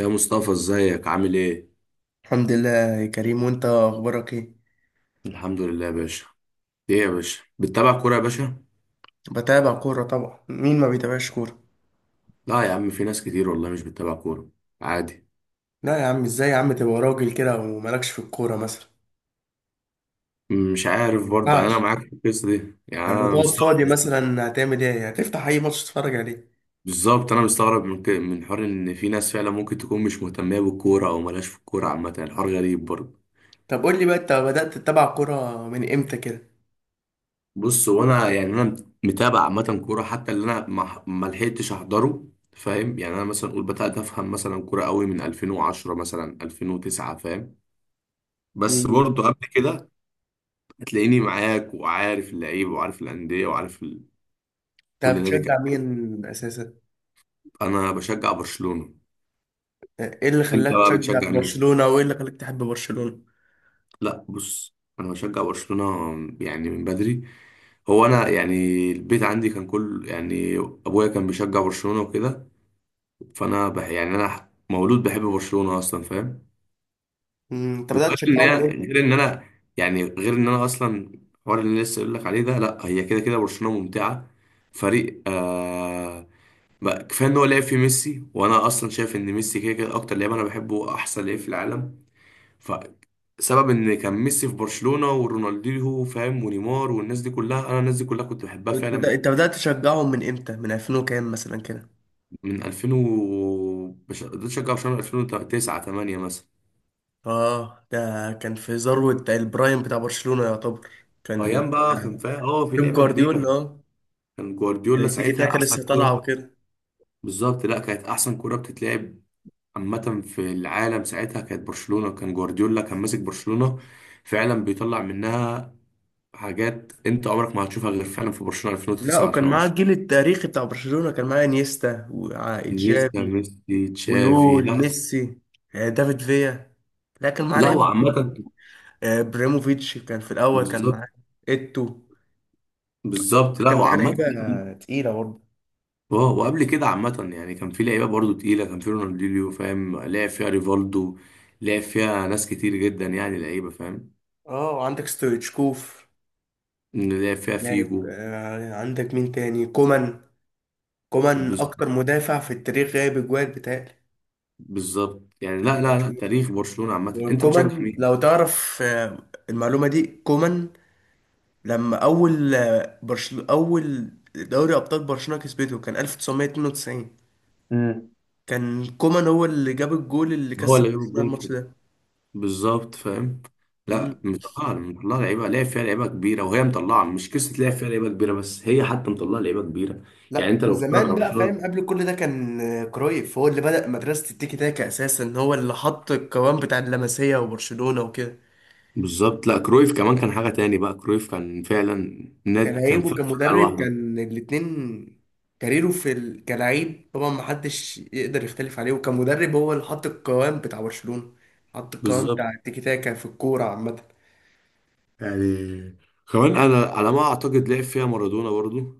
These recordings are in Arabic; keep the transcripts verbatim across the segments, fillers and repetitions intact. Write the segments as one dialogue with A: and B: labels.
A: يا مصطفى ازيك عامل ايه؟
B: الحمد لله يا كريم، وانت اخبارك ايه؟
A: الحمد لله يا باشا. ايه يا باشا بتتابع كورة يا باشا؟
B: بتابع كورة طبعا، مين ما بيتابعش كورة؟
A: لا يا عم، في ناس كتير والله مش بتتابع كورة، عادي.
B: لا يا عم، ازاي يا عم تبقى راجل كده ومالكش في الكورة مثلا؟
A: مش
B: ما
A: عارف برضه، يعني انا
B: ينفعش.
A: معاك في القصة دي، يعني
B: لما
A: انا
B: تقعد فاضي
A: مستغرب.
B: مثلا هتعمل ايه؟ هتفتح اي ماتش تتفرج عليه.
A: بالظبط انا مستغرب من ك... من حوار ان في ناس فعلا ممكن تكون مش مهتمة بالكورة او مالهاش في الكورة عامة، يعني الحوار غريب برضه.
B: طب قول لي بقى، انت بدأت تتابع كورة من امتى كده؟
A: بص، هو انا يعني انا متابع عامة كورة، حتى اللي انا ما ما لحقتش احضره. فاهم؟ يعني انا مثلا اقول بدات افهم مثلا كورة قوي من ألفين وعشرة مثلا ألفين وتسعة، فاهم؟ بس
B: مم.
A: برضه قبل كده هتلاقيني معاك وعارف اللعيبه وعارف الانديه وعارف ال...
B: انت
A: كل نادي كده.
B: بتشجع مين اساسا؟
A: انا بشجع برشلونه.
B: ايه اللي
A: انت
B: خلاك
A: بقى
B: تشجع
A: بتشجع مين؟
B: برشلونة وايه اللي خلاك تحب برشلونة؟
A: لا بص، انا بشجع برشلونه، يعني من بدري. هو انا يعني البيت عندي كان كل يعني ابويا كان بيشجع برشلونه وكده، فانا بح... يعني انا مولود بحب برشلونه اصلا، فاهم؟
B: مم. انت بدأت
A: وغير ان
B: تشجعهم من
A: هي-
B: امتى؟
A: غير ان انا يعني غير ان انا اصلا الحوار اللي لسه اقول لك عليه ده. لا، هي كده كده برشلونه ممتعه، فريق آه. ما- كفايه ان هو لعب في ميسي، وانا اصلا شايف ان ميسي كده كده اكتر لعيب انا بحبه، احسن لعيب في العالم. فسبب ان كان ميسي في برشلونه ورونالدينيو، فاهم؟ ونيمار والناس دي كلها، انا الناس دي كلها كنت بحبها فعلا.
B: انت بدأت تشجعهم من امتى، من ألفين وكام مثلا كده؟
A: من ألفين و بش- بدأت اشجع برشلونه ألفين وتسعة تمانية مثلا.
B: اه، ده كان في ذروة البرايم بتاع برشلونة يعتبر. كان
A: ايام بقى كان
B: كان
A: فيها اه في
B: بيب
A: لعبه
B: جوارديولا.
A: كبيره.
B: اه،
A: كان
B: كان
A: جوارديولا
B: التيكي
A: ساعتها
B: تاكا
A: احسن
B: لسه طالعة
A: كوره.
B: وكده.
A: بالظبط، لا كانت احسن كوره بتتلعب عامه في العالم ساعتها. كانت برشلونه، كان جوارديولا كان ماسك برشلونه فعلا، بيطلع منها حاجات انت عمرك ما هتشوفها غير فعلا في برشلونة
B: لا،
A: ألفين وتسعة
B: وكان معاه
A: ألفين وعشرة.
B: الجيل التاريخي بتاع برشلونة، كان معاه انيستا
A: انيستا
B: وإيجابي،
A: ميسي تشافي،
B: ويول
A: لا.
B: ميسي، آه، دافيد فيا. لا، كان معاه
A: لا
B: لعيبة كتير.
A: وعامة.
B: آه، ابراهيموفيتش كان في الأول كان
A: بالظبط.
B: معاه، إيتو.
A: بالظبط لا
B: كان معاه
A: وعامة.
B: لعيبة تقيلة برضه.
A: اه، وقبل كده عامة يعني كان في لعيبة برضو تقيلة، كان في رونالدينيو، فاهم؟ لعب فيها ريفالدو، لعب فيها ناس كتير جدا، يعني لعيبة فاهم.
B: اه، وعندك ستويتشكوف
A: لعب فيها
B: لاعب.
A: فيجو.
B: آه، عندك مين تاني؟ كومان. كومان اكتر
A: بالظبط.
B: مدافع في التاريخ جايب اجوال بتاعي.
A: بالظبط يعني، لا لا لا، تاريخ برشلونة عامة. انت بتشجع
B: وكومان لو
A: مين؟
B: تعرف آه، المعلومه دي، كومان لما اول آه، برشل اول دوري ابطال برشلونه كسبته كان ألف وتسعمية اتنين وتسعين،
A: مم.
B: كان كومان هو اللي جاب الجول اللي
A: هو
B: كسب
A: اللي جاب
B: برشلونه الماتش
A: الجون.
B: ده.
A: بالظبط فاهم.
B: مم.
A: لا مطلعه، مطلعه لعيبه، لعب فيها لعيبه كبيره وهي مطلعه، مش قصه لعب فيها لعيبه كبيره بس، هي حتى مطلعه لعيبه كبيره. يعني
B: لا،
A: انت لو بتتفرج
B: وزمان
A: على
B: بقى فاهم،
A: برشلونه
B: قبل كل ده كان آه، كرويف هو اللي بدأ مدرسة التيكي تاكا أساسا، هو اللي حط القوام بتاع اللمسية وبرشلونة وكده.
A: بالظبط. لا كرويف كمان كان حاجه تاني بقى، كرويف كان فعلا
B: كان
A: نادي، كان
B: عيبه
A: فرقه
B: كمدرب،
A: لوحده.
B: كان الاتنين. كاريره في ال... كلاعب طبعا محدش يقدر يختلف عليه، وكمدرب هو اللي حط القوام بتاع برشلونة. حط القوام بتاع
A: بالظبط
B: التيكي تاكا في الكورة عامة.
A: يعني. كمان انا على ما اعتقد لعب فيها مارادونا برضو.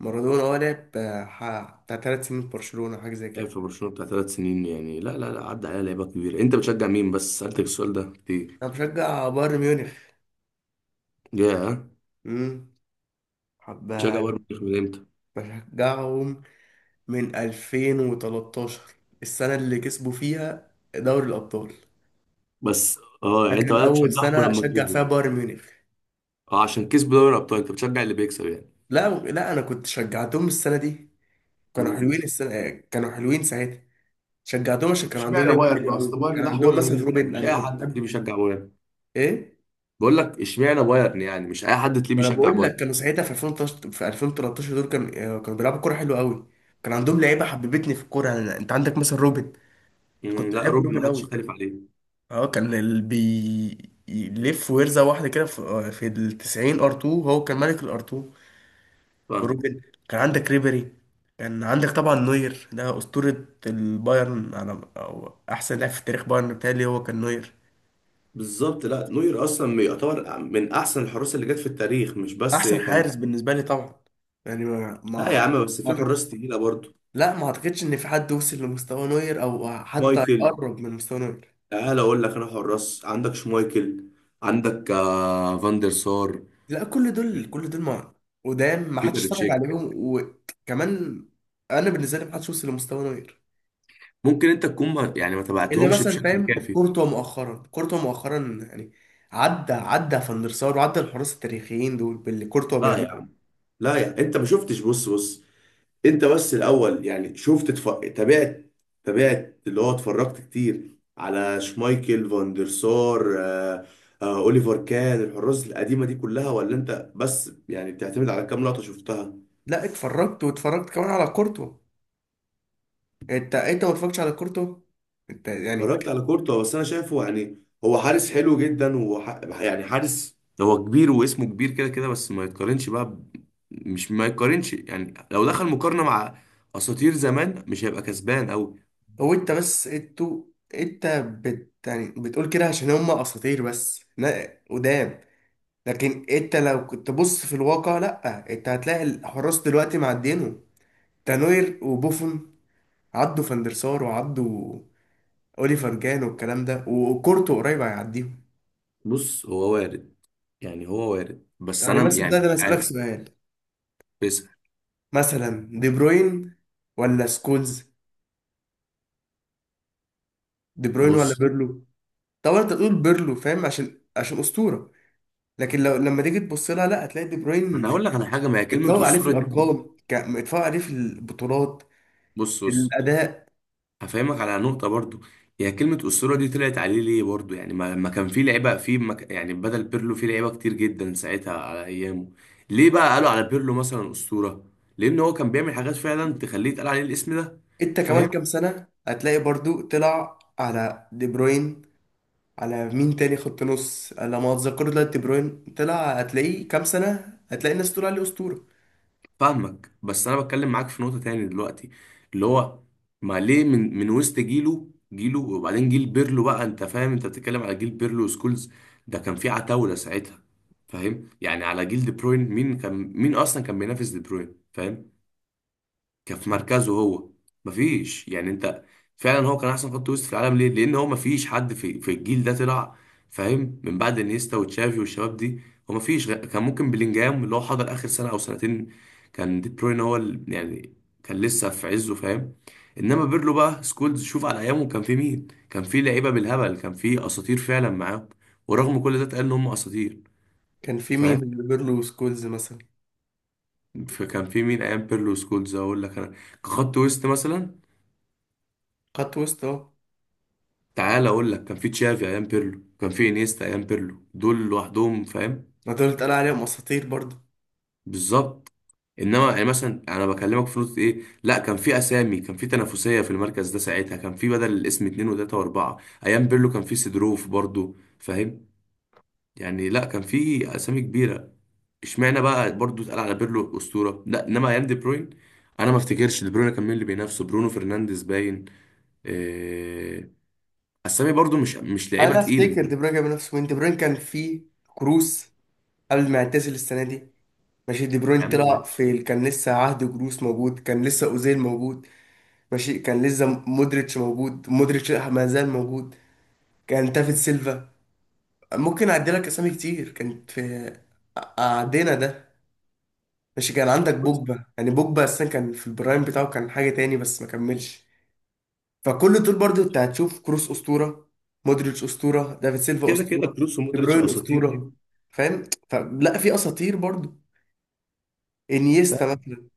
B: مارادونا هو لعب آه، ح- بتاع ثلاث سنين في برشلونة، حاجة زي
A: لعب
B: كده.
A: في برشلونه بتاع ثلاث سنين، يعني لا لا لا عدى عليها لعيبه كبيره. انت بتشجع مين؟ بس سالتك السؤال ده كتير.
B: أنا بشجع بايرن ميونخ.
A: يا،
B: أمم. حب.
A: بتشجع بايرن ميونخ من امتى؟
B: بشجعهم من ألفين وتلتاشر، السنة اللي كسبوا فيها دوري الأبطال.
A: بس اه،
B: ده
A: يعني انت
B: كان
A: بدات
B: أول
A: تشجعهم
B: سنة
A: لما
B: أشجع
A: كسبوا؟
B: فيها بايرن ميونخ.
A: اه عشان كسبوا دوري الابطال، انت بتشجع اللي بيكسب يعني؟
B: لا لا، انا كنت شجعتهم السنه دي. كانوا حلوين،
A: مم.
B: السنه كانوا حلوين ساعتها. شجعتهم عشان
A: طب
B: كان عندهم
A: اشمعنى
B: لعيبه
A: بايرن؟
B: حلوه
A: اصل
B: قوي،
A: بايرن
B: كان
A: ده حوار
B: عندهم مثلا
A: غريب، يعني
B: روبن.
A: مش مش اي
B: انا
A: اي
B: كنت
A: حد حد تلاقيه
B: بحب.
A: بيشجع بايرن.
B: ايه؟
A: بقول لك اشمعنى بايرن، يعني مش اي حد تلاقيه
B: ما انا
A: بيشجع
B: بقول لك،
A: بايرن.
B: كانوا ساعتها في ألفين وتلتاشر في ألفين وتلتاشر دول كان آه، كانوا بيلعبوا كوره حلوه قوي. كان عندهم لعيبه حببتني في الكوره. أنا... انت عندك مثلا روبن.
A: مم،
B: كنت
A: لا
B: بحب
A: روبن
B: روبن
A: ما حدش
B: قوي.
A: يختلف عليه.
B: اه، كان اللي بيلف ويرزع واحده كده في, آه، في ال تسعين ار اتنين. هو كان ملك الار اتنين
A: فاهم.
B: وروبن. كان عندك ريبيري. كان عندك طبعا نوير. ده أسطورة البايرن، على أو أحسن لاعب في تاريخ بايرن، بتهيألي هو كان نوير.
A: بالظبط، لا نوير اصلا يعتبر من احسن الحراس اللي جت في التاريخ، مش بس
B: أحسن
A: كان.
B: حارس بالنسبة لي طبعا. يعني ما
A: لا يا
B: ما
A: عم بس
B: ما
A: في
B: أعتق-
A: حراس تقيله برضه.
B: لا، ما أعتقدش إن في حد وصل لمستوى نوير أو حتى
A: مايكل،
B: يقرب من مستوى نوير.
A: تعال اقول لك انا حراس، عندك شمايكل، عندك آه فاندر سار،
B: لا، كل دول كل دول ما قدام، ما حدش
A: بيتر
B: اتفرج
A: تشيك.
B: عليهم وكمان. أنا بالنسبة لي ما حدش وصل لمستوى نوير.
A: ممكن انت تكون ما يعني ما
B: الا
A: تبعتهمش
B: مثلا
A: بشكل
B: فاهم
A: كافي.
B: كورتوا مؤخرا، كورتوا مؤخرا يعني عدى عدى فان der سار، وعدى الحراس التاريخيين دول باللي كورتوا
A: لا يا
B: بيعمله.
A: عم. لا يعني انت ما شفتش، بص بص. انت بس الاول يعني شفت تف... تابعت، تابعت اللي هو، اتفرجت كتير على شمايكل فان دير سار آه... آه... اوليفر كان، الحراس القديمه دي كلها؟ ولا انت بس يعني بتعتمد على كام لقطه شفتها؟
B: لا، اتفرجت واتفرجت كمان على كورتوا. انت انت ما اتفرجتش على كورتوا. انت يعني
A: اتفرجت على كورتوا، بس انا شايفه يعني هو حارس حلو جدا، وح... يعني حارس، هو كبير واسمه كبير كده كده، بس ما يتقارنش بقى ب... مش ما يتقارنش، يعني لو دخل مقارنه مع اساطير زمان مش هيبقى كسبان او.
B: هو انت بس انتوا. انت بت يعني بتقول كده عشان هم اساطير بس، لا قدام. لكن انت لو كنت تبص في الواقع، لا، انت هتلاقي الحراس دلوقتي معدينهم. تانوير وبوفون عدوا فان der سار، وعدوا اوليفر جان والكلام ده، وكورتو قريب هيعديهم.
A: بص هو وارد. يعني هو وارد، بس
B: يعني
A: انا
B: مثلا ده
A: يعني
B: انا
A: مش
B: اسالك
A: عارف.
B: سؤال،
A: بس
B: مثلا دي بروين ولا سكولز؟ دي بروين ولا
A: بص،
B: بيرلو؟ طبعا انت تقول بيرلو فاهم عشان عشان اسطوره. لكن لو لما تيجي تبص لها، لا، هتلاقي دي
A: انا
B: بروين
A: هقول لك على حاجه، ما هي كلمه
B: اتفوق عليه في
A: اسطوره دي
B: الارقام، ك- اتفوق عليه في البطولات،
A: بص
B: في
A: بص،
B: الاداء.
A: هفهمك على نقطه برضو. هي كلمه اسطوره دي طلعت عليه ليه برضو؟ يعني ما ما كان في لعيبه في مك... يعني بدل بيرلو في لعيبه كتير جدا ساعتها على ايامه. ليه بقى قالوا على بيرلو مثلا اسطوره؟ لان هو كان بيعمل حاجات فعلا تخليه يتقال عليه الاسم ده.
B: انت كمان كام سنه هتلاقي برضو طلع على دي بروين، على مين تاني خط نص على ما اتذكر دلوقتي. دي بروين طلع، هتلاقيه كام سنه هتلاقي الناس تقول عليه اسطوره.
A: فاهمك، بس انا بتكلم معاك في نقطة تاني دلوقتي اللي هو، ما ليه من من وسط جيله جيله. وبعدين جيل بيرلو بقى، انت فاهم انت بتتكلم على جيل بيرلو سكولز، ده كان في عتاولة ساعتها. فاهم؟ يعني على جيل دي بروين، مين كان، مين اصلا كان بينافس دي بروين؟ فاهم؟ كان في مركزه هو؟ مفيش. يعني انت فعلا هو كان احسن خط وسط في العالم، ليه؟ لان هو مفيش حد في في الجيل ده طلع، فاهم؟ من بعد انيستا وتشافي والشباب دي. هو مفيش غ- كان ممكن بلينجهام اللي هو حضر اخر سنه او سنتين، كان دي بروين هو ال- يعني كان لسه في عزه، فاهم؟ انما بيرلو بقى، سكولز، شوف على ايامه كان في مين، كان في لعيبه بالهبل، كان في اساطير فعلا معاهم. ورغم كل ده اتقال ان هم اساطير.
B: كان في مين؟
A: فاهم؟
B: بيقول له سكولز مثلا؟
A: فكان في مين ايام بيرلو سكولز؟ اقول لك انا، كخط وسط مثلا،
B: خط وسط اهو.
A: تعال اقول لك كان في تشافي ايام بيرلو، كان في انيستا ايام بيرلو، دول لوحدهم فاهم.
B: ما دول اتقال عليهم اساطير برضه.
A: بالظبط. انما يعني مثلا انا بكلمك في نقطه ايه، لا كان في اسامي، كان في تنافسيه في المركز ده ساعتها، كان في بدل الاسم اتنين وتلاته واربعه. ايام بيرلو كان في سيدروف برضو، فاهم؟ يعني لا كان في اسامي كبيره. اشمعنى بقى برضو اتقال على بيرلو اسطوره؟ لا انما ايام دي بروين، انا ما افتكرش دي بروين كان مين اللي بينافسه. برونو فرنانديز باين إيه... اسامي برضو مش مش لعيبه
B: انا
A: تقيله.
B: افتكر دي بروين جاب نفسه وين دي بروين، كان في كروس قبل ما يعتزل السنه دي. ماشي، دي
A: يا
B: بروين
A: عم باشا.
B: طلع في ال- كان لسه عهد جروس موجود، كان لسه اوزيل موجود. ماشي، كان لسه مودريتش موجود، مودريتش ما زال موجود. كان تافيد سيلفا. ممكن اعدي لك اسامي كتير كانت في عدينا ده. ماشي، كان عندك بوجبا، يعني بوجبا اصلا كان في البرايم بتاعه، كان حاجه تاني بس ما كملش. فكل دول برضو انت هتشوف كروس اسطوره، مودريتش اسطوره، دافيد سيلفا
A: كده كده
B: اسطوره،
A: كروس
B: دي
A: ومودريتش
B: بروين
A: اساطير.
B: اسطوره. فاهم؟ فلا في اساطير برضو. انيستا
A: فاهم؟
B: مثلا،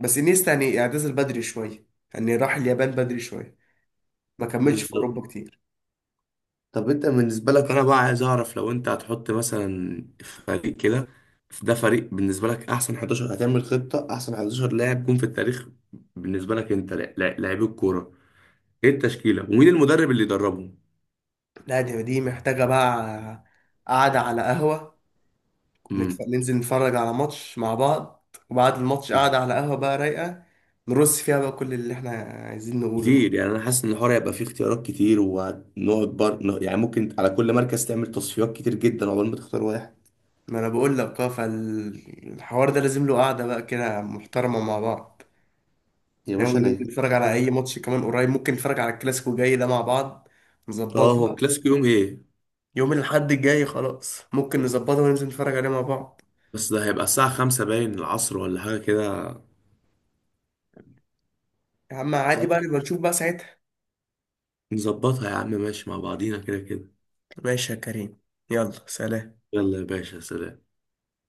B: بس انيستا يعني اعتزل بدري شويه، يعني راح اليابان بدري شويه، ما كملش في
A: بالظبط.
B: اوروبا كتير.
A: طب انت بالنسبه لك انا بقى عايز اعرف، لو انت هتحط مثلا فريق كده، ده فريق بالنسبه لك، احسن احداشر هتعمل خطه، احسن أحد عشر لاعب جم في التاريخ بالنسبه لك انت، لا- لا- لاعبي الكوره، ايه التشكيله ومين المدرب اللي يدربهم؟
B: لا، دي دي محتاجه بقى قعده على قهوه. نتف...
A: امم
B: ننزل نتفرج على ماتش مع بعض، وبعد الماتش قعده على قهوه بقى رايقه، نرص فيها بقى كل اللي احنا عايزين نقوله
A: كتير،
B: ده.
A: يعني انا حاسس ان الحوار هيبقى فيه اختيارات كتير ونقعد بر... يعني ممكن على كل مركز تعمل تصفيات كتير جدا عقبال ما تختار واحد.
B: ما انا بقول لك اه، فالحوار ده لازم له قعده بقى كده محترمه مع بعض.
A: يا باشا
B: يعني
A: انا
B: ممكن
A: كده
B: نتفرج على
A: كده.
B: اي ماتش كمان قريب، ممكن نتفرج على الكلاسيكو الجاي ده مع بعض.
A: اه هو
B: نظبطها.
A: الكلاسيكو يوم ايه؟
B: يوم الاحد الجاي خلاص، ممكن نظبطها وننزل نتفرج عليه مع بعض.
A: بس ده هيبقى الساعة خمسة باين العصر ولا حاجة كده؟
B: يا عم عادي
A: صح.
B: بقى، نبقى نشوف بقى ساعتها.
A: نظبطها يا عم، ماشي مع بعضينا كده كده.
B: ماشي يا كريم، يلا سلام.
A: يلا يا باشا سلام.